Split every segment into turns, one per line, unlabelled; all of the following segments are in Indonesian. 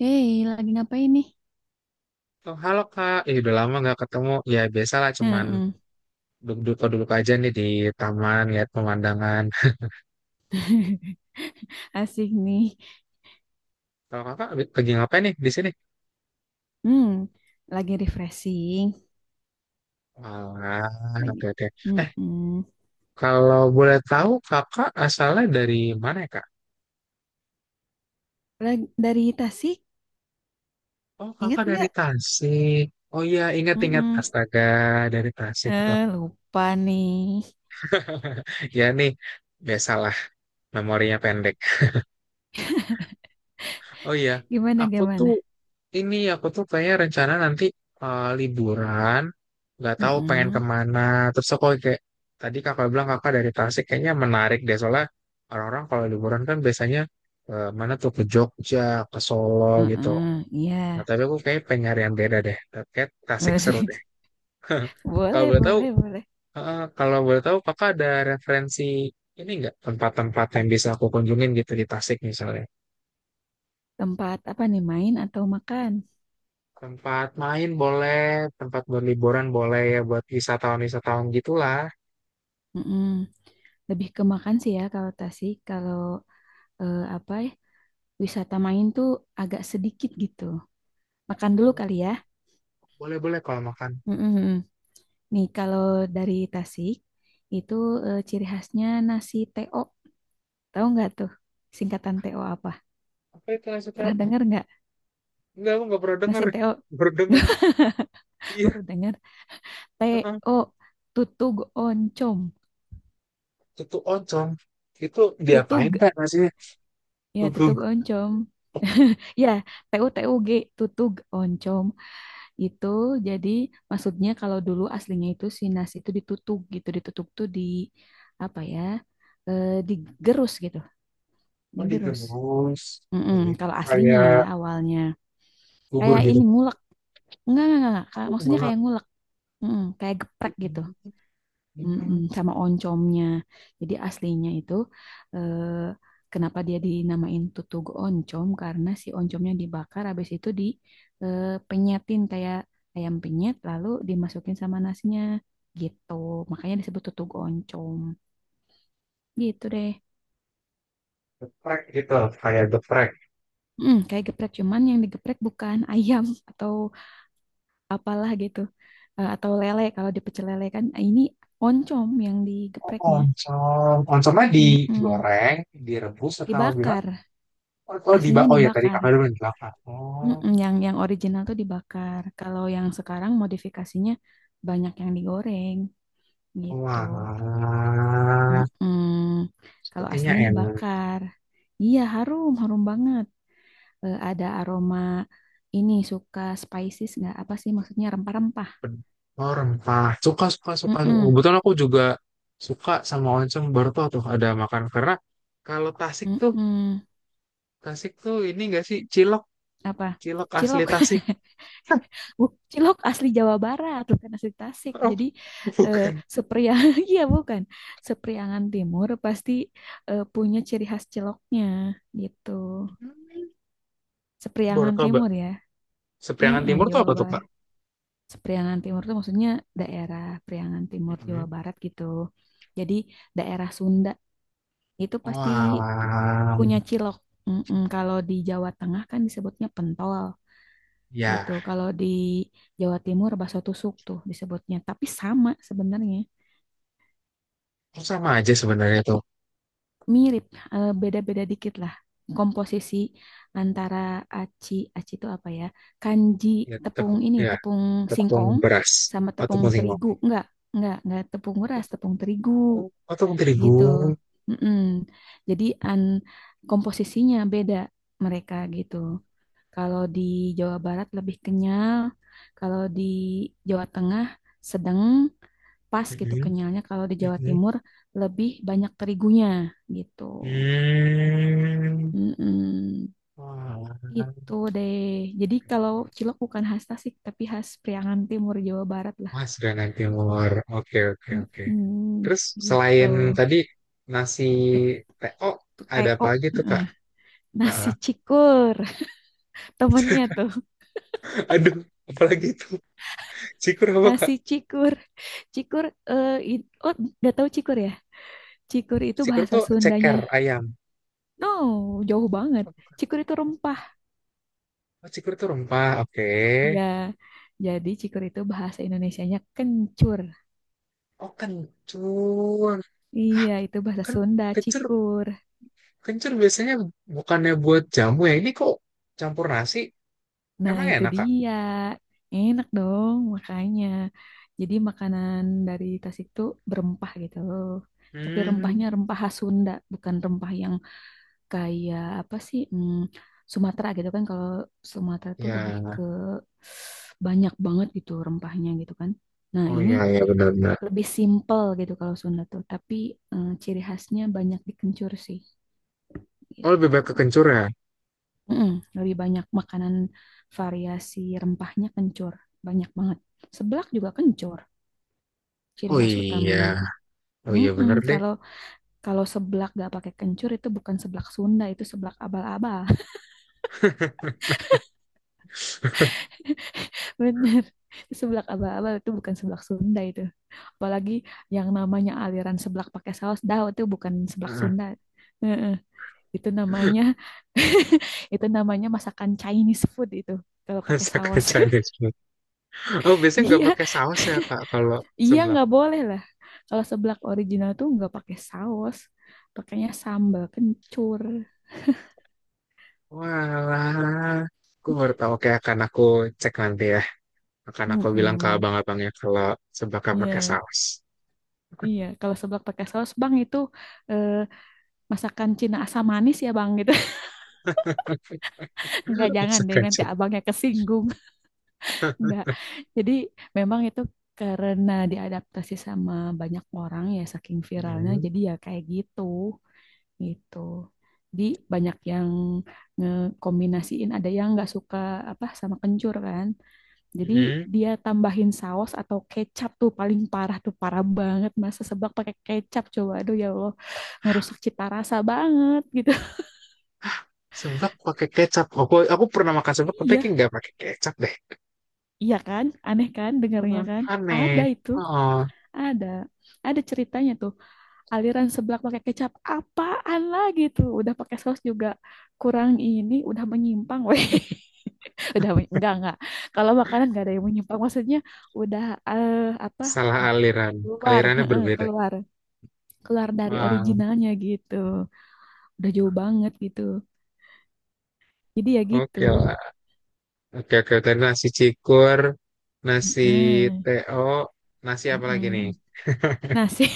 Hey, lagi ngapain nih?
Oh, halo Kak, udah lama nggak ketemu. Ya biasalah cuman
Heeh.
duduk-duduk aja nih di taman lihat pemandangan.
Asik nih.
Kalau Kakak lagi ngapain nih di sini?
Hmm, lagi refreshing.
Wah,
Lagi.
oke oke. Eh,
Mm-mm.
Kalau boleh tahu Kakak asalnya dari mana ya Kak?
Lagi dari Tasik,
Oh,
ingat
Kakak dari
nggak?
Tasik. Oh iya, ingat-ingat.
Mm-mm.
Astaga, dari Tasik. Kak.
Eh, lupa nih.
Ya nih, biasalah memorinya pendek. Oh iya,
Gimana
aku
gimana?
tuh ini aku tuh kayaknya rencana nanti liburan, nggak tahu pengen
Mm-mm.
kemana. Terus aku kayak tadi kakak bilang kakak dari Tasik kayaknya menarik deh soalnya orang-orang kalau liburan kan biasanya mana tuh ke Jogja, ke Solo gitu.
Mm-mm. Iya.
Nah tapi aku kayak pengen nyari yang beda deh. Kayak Tasik seru deh. Kalau
Boleh,
boleh tahu,
boleh, boleh.
kalau boleh tahu kakak ada referensi ini nggak tempat-tempat yang bisa aku kunjungin gitu di Tasik misalnya?
Tempat apa nih, main atau makan?
Tempat main boleh, tempat buat liburan boleh ya buat wisatawan-wisatawan gitulah.
Mm-mm. Lebih ke makan sih ya kalau Tasik. Kalau apa ya? Wisata main tuh agak sedikit gitu. Makan dulu kali ya.
Boleh boleh kalau makan.
Mm-mm. Nih kalau dari Tasik itu, ciri khasnya nasi TO. Tahu nggak tuh singkatan TO apa?
Apa itu nasi tahu?
Pernah dengar nggak
Enggak, aku nggak pernah dengar.
nasi TO?
Baru dengar. Iya,
Baru dengar
heeh.
TO, tutug oncom.
Itu oncom. Itu diapain
Tutug
Kak nasinya?
ya
Gugur.
tutug oncom. Ya, TU TUG, tutug oncom itu, jadi maksudnya kalau dulu aslinya itu si nasi itu ditutug gitu, ditutup tuh di, apa ya? Digerus gitu,
Oh,
digerus.
digemus.
Mm-mm,
Ini
kalau aslinya ya
kayak
awalnya
gugur
kayak
gitu.
ini ngulek, enggak, enggak.
Aku
Maksudnya
malah
kayak ngulek. Mm-mm, kayak geprek gitu.
hmm,
Mm-mm, sama oncomnya. Jadi aslinya itu, eh, kenapa dia dinamain tutug oncom karena si oncomnya dibakar, habis itu di penyetin kayak ayam penyet, lalu dimasukin sama nasinya gitu. Makanya disebut tutug oncom gitu deh.
geprek gitu, kayak geprek.
Mm, kayak geprek cuman yang digeprek bukan ayam atau apalah gitu. Atau lele kalau di pecel lele kan, ini oncom yang
Oh,
digepreknya.
oncom. Oncomnya
Mm-mm.
digoreng, direbus atau gimana?
Dibakar,
Oh, oh, di
aslinya
oh ya tadi
dibakar.
kakak udah bilang dibakar. Oh,
Mm-mm. Yang original tuh dibakar kalau yang sekarang modifikasinya banyak yang digoreng gitu.
wah,
Mm-mm. Kalau
sepertinya
aslinya
enak.
dibakar, iya harum harum banget. Ada aroma, ini suka spices nggak? Apa sih, maksudnya rempah-rempah.
Oh, rempah. Suka, suka, suka.
Mm-mm.
Kebetulan aku juga suka sama oncom baru tuh ada makan. Karena kalau
Mm-mm.
Tasik tuh ini gak sih cilok,
Apa,
cilok asli
cilok?
Tasik.
Bu, cilok asli Jawa Barat, bukan asli Tasik.
Oh,
Jadi eh,
bukan.
Sepriang, iya bukan. Sepriangan Timur pasti punya ciri khas ciloknya gitu.
Baru
Sepriangan
Mbak.
Timur ya.
Sepriangan
Heeh,
Timur tuh
Jawa
apa tuh, Pak?
Barat. Sepriangan Timur itu maksudnya daerah Priangan Timur Jawa
Mhm.
Barat gitu. Jadi daerah Sunda itu pasti pu-
Wah,
punya cilok. Mm-mm, kalau di Jawa Tengah kan disebutnya pentol. Gitu.
ya.
Kalau di Jawa Timur bakso tusuk tuh disebutnya, tapi sama sebenarnya,
Oh, sama aja sebenarnya tuh.
mirip, beda-beda dikit lah. Komposisi antara aci, aci itu apa ya? Kanji, tepung ini,
Ya,
tepung
tepung
singkong
beras.
sama
Atau
tepung
tepung singkong.
terigu. Enggak tepung beras, tepung terigu.
Oh, tepung terigu.
Gitu. Mm-mm. Jadi komposisinya beda mereka gitu. Kalau di Jawa Barat lebih kenyal, kalau di Jawa Tengah sedang pas gitu
Mhm.
kenyalnya, kalau di Jawa
Mhm.
Timur lebih banyak terigunya gitu.
Hmm.
Mm-mm.
Wah,
Gitu deh. Jadi kalau cilok bukan khas Tasik, tapi khas Priangan Timur Jawa Barat lah.
Mas Granat Timur. Oke, oke, oke.
Mm-mm.
Terus
Gitu.
selain tadi nasi TO,
Tuh,
ada apa
TO.
lagi tuh,
Heeh.
Kak?
Nasi
Ah,
cikur. Temennya tuh.
aduh, apalagi itu? Cikur apa, Kak?
Nasi cikur. Cikur, oh udah tahu cikur ya? Cikur itu
Cikur
bahasa
tuh
Sundanya.
ceker ayam.
No, jauh banget.
Oh, bukan.
Cikur itu rempah.
Oh, cikur tuh rempah. Oke.
Ya, jadi cikur itu bahasa Indonesianya kencur.
Oh, kencur. Hah,
Iya, itu bahasa
kan
Sunda,
kencur.
cikur.
Kencur biasanya bukannya buat jamu ya. Ini kok campur nasi?
Nah,
Emang
itu
enak, Kak?
dia. Enak dong, makanya. Jadi makanan dari Tasik itu berempah gitu. Tapi
Hmm.
rempahnya rempah khas Sunda, bukan rempah yang kayak apa sih? Sumatera gitu kan, kalau Sumatera tuh lebih
Ya,
ke banyak banget gitu rempahnya gitu kan. Nah,
oh
ini
iya, iya benar-benar.
lebih simple gitu kalau Sunda tuh, tapi ciri khasnya banyak dikencur sih
Oh lebih
gitu.
baik ke kencur ya?
Mm-mm, lebih banyak makanan variasi rempahnya kencur, banyak banget. Seblak juga kencur, ciri
Oh
khas
iya,
utamanya.
oh iya
Mm-mm,
benar deh.
kalau kalau seblak gak pakai kencur itu bukan seblak Sunda, itu seblak abal-abal. Bener. Seblak abal-abal itu bukan seblak Sunda itu. Apalagi yang namanya aliran seblak pakai saus dah, itu bukan seblak Sunda. Heeh. Itu namanya itu namanya masakan Chinese food itu kalau pakai
Masak
saus.
Chinese food. Oh biasanya nggak
Iya,
pakai saus ya Kak kalau
iya
seblak.
nggak boleh lah. Kalau seblak original tuh nggak pakai saus, pakainya sambal kencur.
Walah, aku baru tahu. Oke, akan aku cek nanti ya. Akan aku bilang ke
Mm-mm.
abang-abangnya kalau seblaknya pakai
Iya,
saus.
iya. Kalau seblak pakai saus, Bang, itu eh, masakan Cina asam manis ya, Bang. Enggak, jangan
Masak
deh nanti
Chinese.
abangnya kesinggung. Enggak. Jadi memang itu karena diadaptasi sama banyak orang ya, saking viralnya
Hmm.
jadi ya kayak gitu gitu. Jadi banyak yang ngekombinasiin, ada yang nggak suka apa sama kencur kan. Jadi
Hmm.
dia tambahin saus atau kecap tuh paling parah, tuh parah banget masa sebab pakai kecap, coba aduh ya Allah, ngerusak cita rasa banget gitu.
Seblak pakai kecap. Aku pernah makan seblak tapi kayak
Iya,
nggak pakai kecap deh.
iya kan? Aneh kan dengarnya
Heeh,
kan? Ada
aneh.
itu.
Oh.
Ada, ada ceritanya tuh. Aliran seblak pakai kecap, apaan lagi tuh? Udah pakai saus juga kurang ini, udah menyimpang, weh. Enggak enggak. Kalau makanan enggak ada yang menyimpang, maksudnya udah, eh, apa?
Salah aliran.
Keluar,
Alirannya
heeh,
berbeda.
keluar, keluar dari
Wah,
originalnya gitu. Udah jauh banget gitu. Jadi ya
oke
gitu.
lah. Oke, oke. Tadi nasi cikur, nasi
Heeh,
teo, nasi apa lagi nih?
heeh. Nah sih,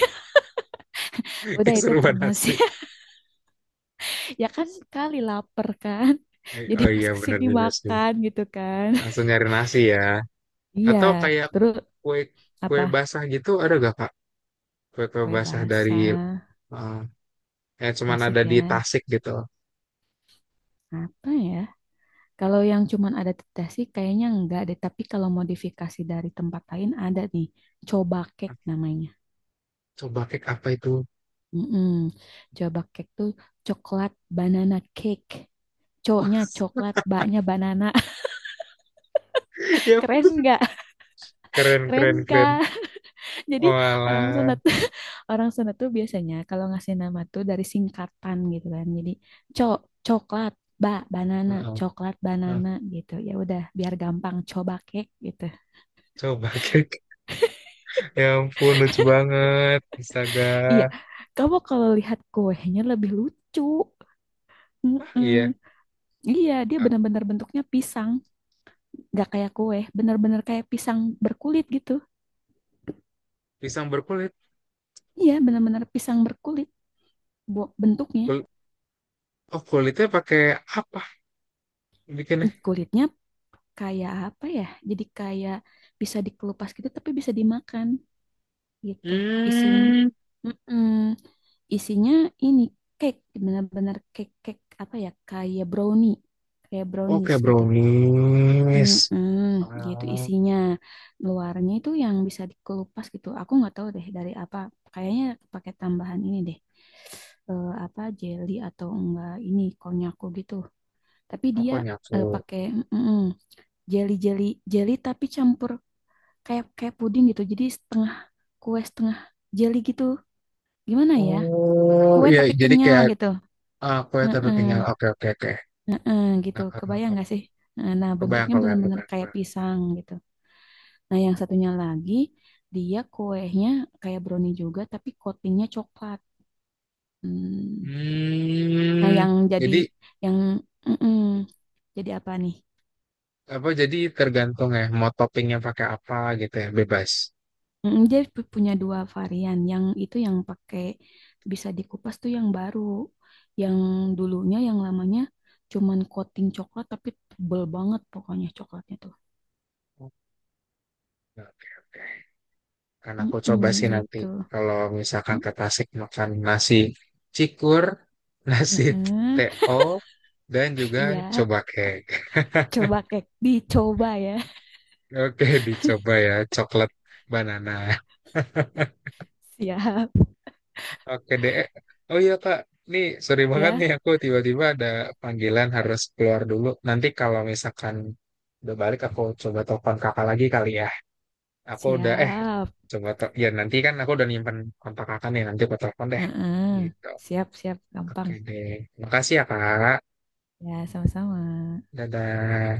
udah itu
Keseruan
pernah sih.
nasi.
Ya kan sekali lapar kan. Jadi
Oh
pas
iya, bener
kesini
juga sih.
makan gitu kan.
Langsung nyari nasi ya.
Iya,
Atau kayak
terus
kue kue
apa?
basah gitu ada gak, Kak? Kue-kue
Kue
basah dari
basah,
eh, yang cuman
Tasik
ada di
ya.
Tasik gitu.
Apa ya? Kalau yang cuman ada di Tasik kayaknya enggak deh, tapi kalau modifikasi dari tempat lain ada nih. Coba cake namanya.
Coba kek apa itu?
Mm-mm. Coba cake tuh coklat banana cake. Co-nya coklat, ba-nya banana.
Yap,
Keren nggak?
keren,
Keren
keren, keren.
kan? Jadi orang
Walah.
sunat orang sunat tuh biasanya kalau ngasih nama tuh dari singkatan gitu kan. Jadi cok, coklat, ba banana,
Heeh.
coklat
Nah,
banana gitu. Ya udah biar gampang coba kek gitu.
coba kek. Ya ampun, lucu banget. Astaga.
Iya, kamu kalau lihat kuenya lebih lucu.
Ah, iya,
Mm-mm. Iya, dia
ah,
benar-benar bentuknya pisang, nggak kayak kue, benar-benar kayak pisang berkulit gitu.
pisang berkulit.
Iya, benar-benar pisang berkulit bentuknya.
Kul- oh, kulitnya pakai apa bikinnya?
Kulitnya kayak apa ya? Jadi kayak bisa dikelupas gitu tapi bisa dimakan gitu. Isinya
Hmm,
mm isinya ini cake, benar-benar cake, cake apa ya? Kayak brownie. Kayak
oke
brownies gitu.
brownies.
Mm-mm, gitu
Ah,
isinya. Luarnya itu yang bisa dikelupas gitu. Aku nggak tahu deh dari apa. Kayaknya pakai tambahan ini deh. Apa jelly atau enggak ini konyako gitu. Tapi
aku
dia
nyaku.
pakai mm-mm jelly jelly jelly tapi campur kayak kayak puding gitu. Jadi setengah kue setengah jelly gitu. Gimana ya?
Oh,
Kue
iya,
tapi
jadi
kenyal
kayak
gitu.
ah, kue tapi kenyal.
Heeh,
Oke, oke, oke.
heeh, gitu.
Nakar,
Kebayang
nakar.
gak sih? Nah, nah,
Kebayang,
bentuknya
kebayang,
benar-benar
kebayang,
kayak
kebayang.
pisang gitu. Nah, yang satunya lagi dia kuenya kayak brownie juga tapi coatingnya coklat. Hmm. Nah,
Hmm,
yang jadi
jadi
yang mm-mm. Jadi apa nih?
apa? Jadi tergantung ya, mau toppingnya pakai apa gitu ya, bebas.
Mm, dia punya dua varian. Yang itu yang pakai bisa dikupas tuh yang baru. Yang dulunya yang lamanya cuman coating coklat tapi tebel banget pokoknya coklatnya tuh.
Oke, oke. Akan aku
Mm-mm,
coba sih nanti
gitu.
kalau misalkan
Mm,
ke Tasik makan nasi cikur, nasi
mm-mm.
TO, dan juga
Iya,
coba kek.
coba kek dicoba ya.
Oke, dicoba ya coklat banana.
Siap
Oke deh. Oh iya Kak, nih sorry banget
ya,
nih aku tiba-tiba ada panggilan harus keluar dulu. Nanti kalau misalkan udah balik aku coba telepon kakak lagi kali ya. Aku udah eh
siap.
coba tel- ya nanti kan aku udah nyimpen kontak kakak nih nanti aku telepon deh.
Mm-mm.
Gitu.
Siap, siap,
Oke
gampang.
deh. Makasih ya, Kak.
Ya, sama-sama.
Dadah.